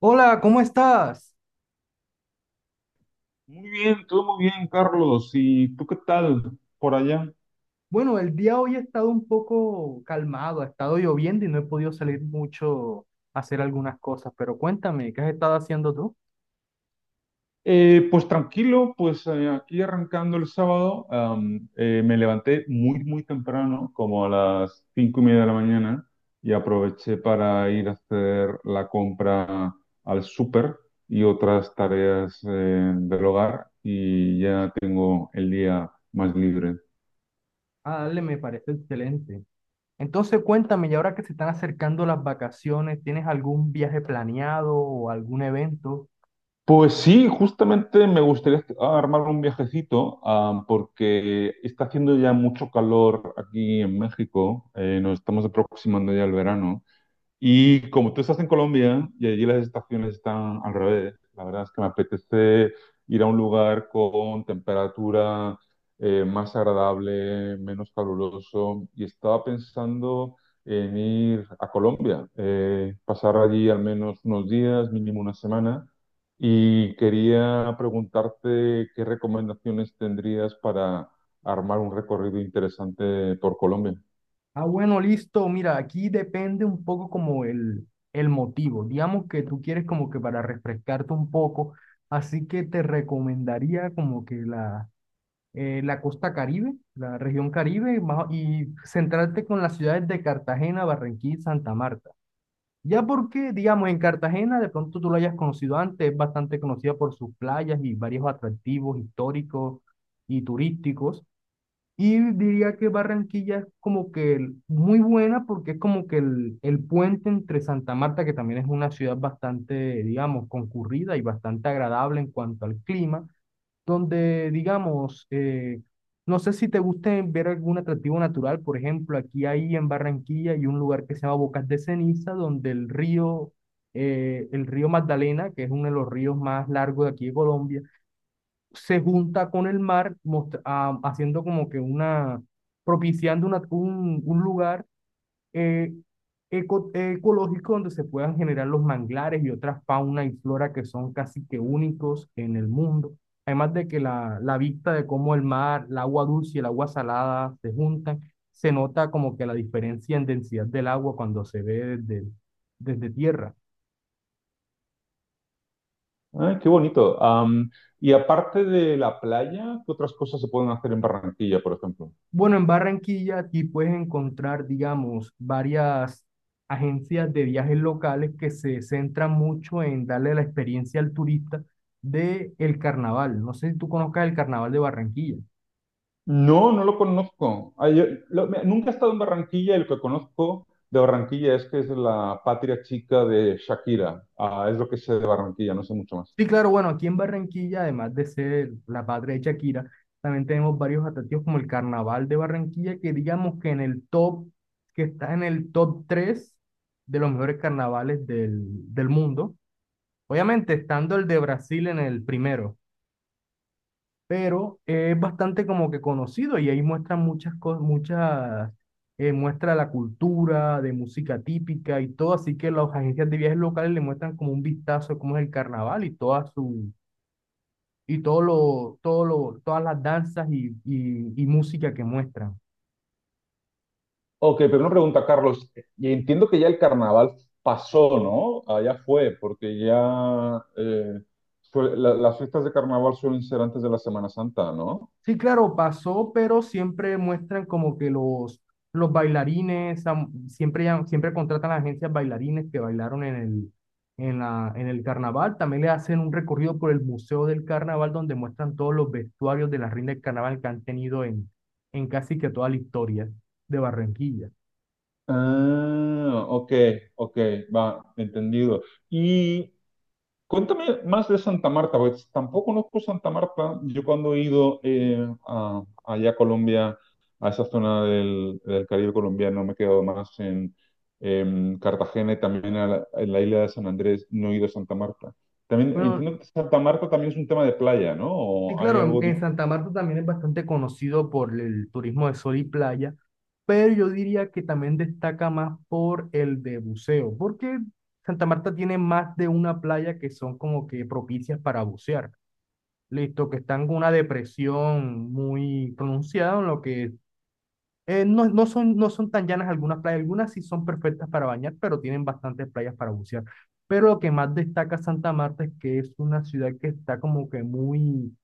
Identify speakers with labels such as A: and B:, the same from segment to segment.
A: Hola, ¿cómo estás?
B: Muy bien, todo muy bien, Carlos. ¿Y tú qué tal por allá?
A: Bueno, el día hoy ha estado un poco calmado, ha estado lloviendo y no he podido salir mucho a hacer algunas cosas, pero cuéntame, ¿qué has estado haciendo tú?
B: Pues tranquilo, pues aquí arrancando el sábado, me levanté muy, muy temprano, como a las 5:30 de la mañana, y aproveché para ir a hacer la compra al súper y otras tareas del hogar, y ya tengo el día más libre.
A: Ah, dale, me parece excelente. Entonces, cuéntame, y ahora que se están acercando las vacaciones, ¿tienes algún viaje planeado o algún evento?
B: Pues sí, justamente me gustaría armar un viajecito, porque está haciendo ya mucho calor aquí en México, nos estamos aproximando ya al verano. Y como tú estás en Colombia y allí las estaciones están al revés, la verdad es que me apetece ir a un lugar con temperatura más agradable, menos caluroso. Y estaba pensando en ir a Colombia, pasar allí al menos unos días, mínimo una semana. Y quería preguntarte qué recomendaciones tendrías para armar un recorrido interesante por Colombia.
A: Ah, bueno, listo, mira, aquí depende un poco como el motivo. Digamos que tú quieres como que para refrescarte un poco, así que te recomendaría como que la la costa Caribe, la región Caribe, y centrarte con las ciudades de Cartagena, Barranquilla y Santa Marta. Ya porque, digamos, en Cartagena de pronto tú lo hayas conocido antes, es bastante conocida por sus playas y varios atractivos históricos y turísticos. Y diría que Barranquilla es como que muy buena porque es como que el puente entre Santa Marta, que también es una ciudad bastante, digamos, concurrida y bastante agradable en cuanto al clima, donde, digamos, no sé si te guste ver algún atractivo natural, por ejemplo, aquí hay en Barranquilla hay un lugar que se llama Bocas de Ceniza, donde el río Magdalena, que es uno de los ríos más largos de aquí de Colombia, se junta con el mar, haciendo como que una, propiciando un lugar eh, ecológico donde se puedan generar los manglares y otras fauna y flora que son casi que únicos en el mundo. Además de que la vista de cómo el mar, el agua dulce y el agua salada se juntan, se nota como que la diferencia en densidad del agua cuando se ve desde, desde tierra.
B: Ay, qué bonito. Y aparte de la playa, ¿qué otras cosas se pueden hacer en Barranquilla, por ejemplo?
A: Bueno, en Barranquilla aquí puedes encontrar, digamos, varias agencias de viajes locales que se centran mucho en darle la experiencia al turista de el carnaval. No sé si tú conozcas el carnaval de Barranquilla.
B: No, no lo conozco. Ay, nunca he estado en Barranquilla y lo que conozco de Barranquilla es que es la patria chica de Shakira. Ah, es lo que sé de Barranquilla, no sé mucho más.
A: Sí, claro, bueno, aquí en Barranquilla, además de ser la patria de Shakira, también tenemos varios atractivos como el carnaval de Barranquilla, que digamos que en el top, que está en el top 3 de los mejores carnavales del mundo. Obviamente, estando el de Brasil en el primero, pero es bastante como que conocido y ahí muestra muchas cosas, muchas, muestra la cultura de música típica y todo, así que las agencias de viajes locales le muestran como un vistazo de cómo es el carnaval y toda su, y todas las danzas y música que muestran.
B: Ok, pero una pregunta, Carlos. Y entiendo que ya el carnaval pasó, ¿no? Ah, ya fue, porque ya las fiestas de carnaval suelen ser antes de la Semana Santa, ¿no?
A: Sí, claro, pasó, pero siempre muestran como que los bailarines, siempre, siempre contratan a agencias bailarines que bailaron en el, en el carnaval. También le hacen un recorrido por el Museo del Carnaval donde muestran todos los vestuarios de las reina del carnaval que han tenido en casi que toda la historia de Barranquilla.
B: Ah, ok, ok, va, entendido. Y cuéntame más de Santa Marta, porque tampoco conozco Santa Marta. Yo cuando he ido allá a Colombia, a esa zona del Caribe colombiano, me he quedado más en, Cartagena y también en la isla de San Andrés, no he ido a Santa Marta. También
A: Bueno,
B: entiendo que Santa Marta también es un tema de playa, ¿no?
A: sí,
B: ¿O hay
A: claro,
B: algo?
A: en Santa Marta también es bastante conocido por el turismo de sol y playa, pero yo diría que también destaca más por el de buceo, porque Santa Marta tiene más de una playa que son como que propicias para bucear. Listo, que están con una depresión muy pronunciada, en lo que no, no son tan llanas algunas playas, algunas sí son perfectas para bañar, pero tienen bastantes playas para bucear. Pero lo que más destaca Santa Marta es que es una ciudad que está como que muy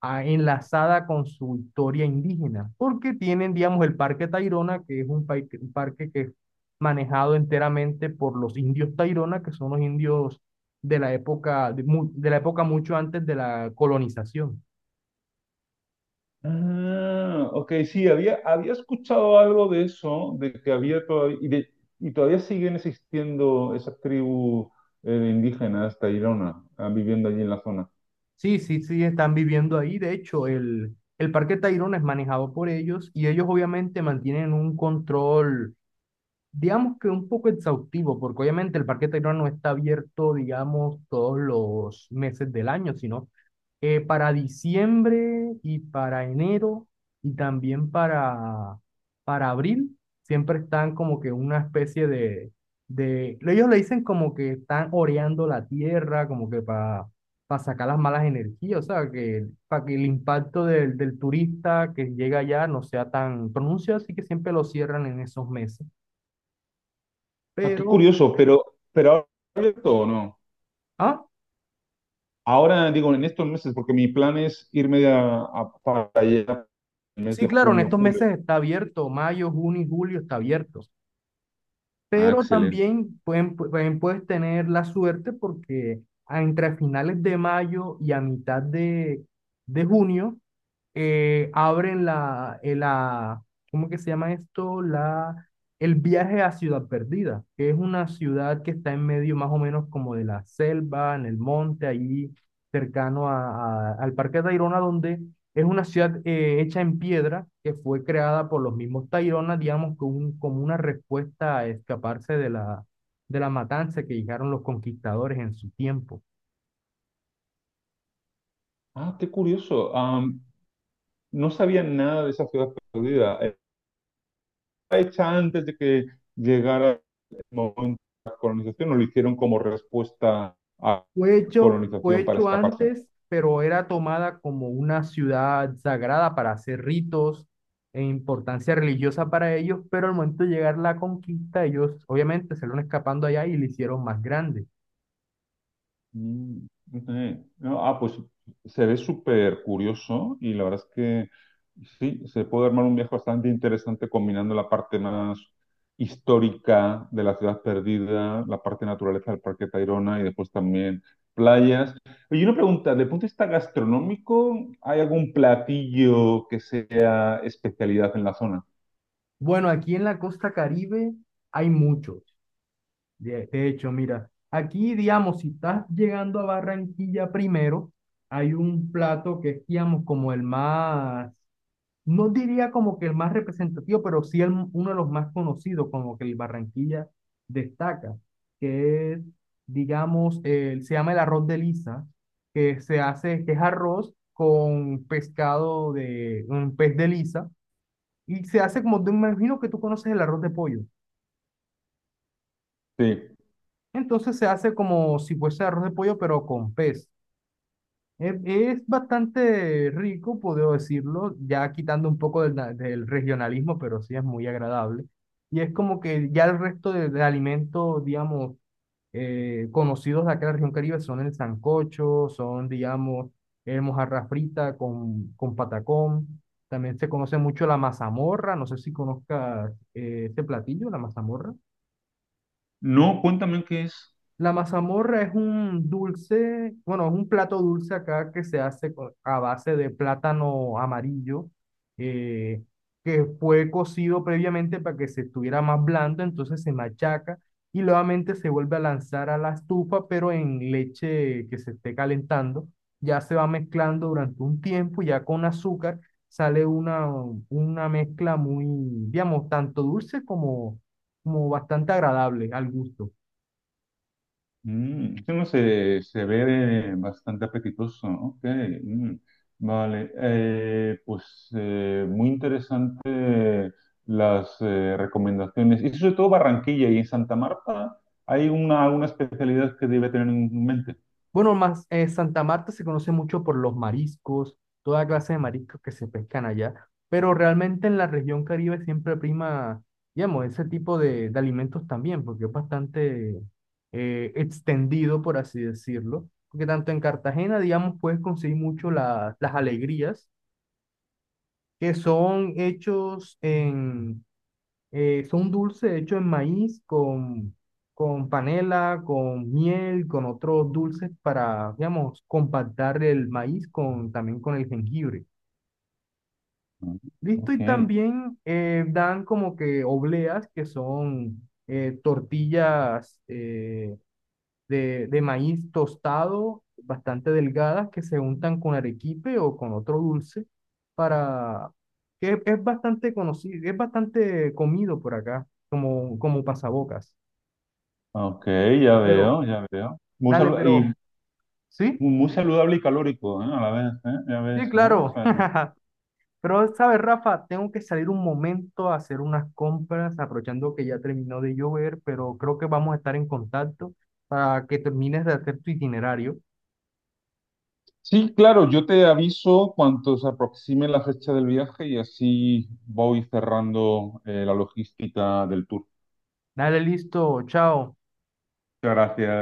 A: enlazada con su historia indígena, porque tienen, digamos, el Parque Tayrona, que es un parque que es manejado enteramente por los indios Tayrona, que son los indios de la época, de la época mucho antes de la colonización.
B: Ah, ok, sí, había escuchado algo de eso, de que había todavía, y todavía siguen existiendo esas tribus indígenas tairona, viviendo allí en la zona.
A: Sí, sí, sí, están viviendo ahí. De hecho, el Parque Tayrona es manejado por ellos y ellos obviamente mantienen un control digamos que un poco exhaustivo, porque obviamente el Parque Tayrona no está abierto, digamos, todos los meses del año, sino para diciembre y para enero y también para abril, siempre están como que una especie de, ellos le dicen como que están oreando la tierra, como que para sacar las malas energías, o sea, que para que el impacto del turista que llega allá no sea tan pronunciado, así que siempre lo cierran en esos meses.
B: Ah, qué
A: Pero,
B: curioso, pero, ahora ¿ha abierto o no?
A: ah,
B: Ahora digo en estos meses, porque mi plan es irme para allá en el mes
A: sí,
B: de
A: claro, en
B: junio,
A: estos
B: julio.
A: meses está abierto, mayo, junio y julio está abierto.
B: Ah,
A: Pero
B: excelente.
A: también puedes tener la suerte porque entre finales de mayo y a mitad de junio abren la, ¿cómo que se llama esto? La, el viaje a Ciudad Perdida, que es una ciudad que está en medio más o menos como de la selva, en el monte, ahí cercano al Parque Tayrona, donde es una ciudad hecha en piedra que fue creada por los mismos Tairona, digamos, como, como una respuesta a escaparse de la matanza que llegaron los conquistadores en su tiempo.
B: Ah, qué curioso. No sabía nada de esa ciudad perdida. Hecha antes de que llegara el momento de la colonización, o lo hicieron como respuesta a la
A: Fue
B: colonización para
A: hecho
B: escaparse.
A: antes, pero era tomada como una ciudad sagrada para hacer ritos e importancia religiosa para ellos, pero al momento de llegar la conquista, ellos obviamente se fueron escapando allá y le hicieron más grande.
B: Mm, ok. No, pues se ve súper curioso y la verdad es que sí, se puede armar un viaje bastante interesante combinando la parte más histórica de la ciudad perdida, la parte naturaleza del Parque Tayrona y después también playas. Y una pregunta, de punto de vista gastronómico, ¿hay algún platillo que sea especialidad en la zona?
A: Bueno, aquí en la costa Caribe hay mucho. De hecho, mira, aquí, digamos, si estás llegando a Barranquilla primero, hay un plato que es, digamos, como el más, no diría como que el más representativo, pero sí el, uno de los más conocidos, como que el Barranquilla destaca, que es, digamos, el- se llama el arroz de lisa, que se hace, que es arroz con pescado de, un pez de lisa, y se hace como, de, me imagino que tú conoces el arroz de pollo.
B: Sí.
A: Entonces se hace como si fuese arroz de pollo, pero con pez. Es bastante rico, puedo decirlo, ya quitando un poco del, del regionalismo, pero sí es muy agradable. Y es como que ya el resto de alimentos, digamos, conocidos de acá de la región Caribe son el sancocho, son, digamos, el mojarra frita con patacón. También se conoce mucho la mazamorra, no sé si conozcas este platillo, la mazamorra.
B: No, cuéntame qué es.
A: La mazamorra es un dulce, bueno, es un plato dulce acá que se hace a base de plátano amarillo, eh, que fue cocido previamente para que se estuviera más blando, entonces se machaca y nuevamente se vuelve a lanzar a la estufa, pero en leche que se esté calentando. Ya se va mezclando durante un tiempo, ya con azúcar sale una mezcla muy, digamos, tanto dulce como, como bastante agradable al gusto.
B: Mm, eso no se ve bastante apetitoso. Ok, mm, vale. Pues muy interesante las recomendaciones. Y sobre todo Barranquilla y en Santa Marta hay una, especialidad que debe tener en mente.
A: Bueno, más Santa Marta se conoce mucho por los mariscos, toda clase de mariscos que se pescan allá, pero realmente en la región Caribe siempre prima, digamos, ese tipo de alimentos también, porque es bastante extendido, por así decirlo, porque tanto en Cartagena, digamos, puedes conseguir mucho las alegrías que son hechos en son dulces hechos en maíz con panela, con miel, con otros dulces para, digamos, compactar el maíz con, también con el jengibre.
B: Mm,
A: Listo,
B: ok,
A: y también dan como que obleas, que son tortillas, de maíz tostado, bastante delgadas, que se untan con arequipe o con otro dulce, para, que es bastante conocido, es bastante comido por acá, como, como pasabocas.
B: ok, ya
A: Pero,
B: veo, ya veo.
A: dale, pero, ¿sí?
B: Muy saludable y calórico, ¿eh? A la vez, ¿eh? Ya
A: Sí,
B: ves, ¿no?
A: claro. Pero, ¿sabes, Rafa? Tengo que salir un momento a hacer unas compras, aprovechando que ya terminó de llover, pero creo que vamos a estar en contacto para que termines de hacer tu itinerario.
B: Sí, claro, yo te aviso cuando se aproxime la fecha del viaje y así voy cerrando la logística del tour.
A: Dale, listo, chao.
B: Muchas gracias.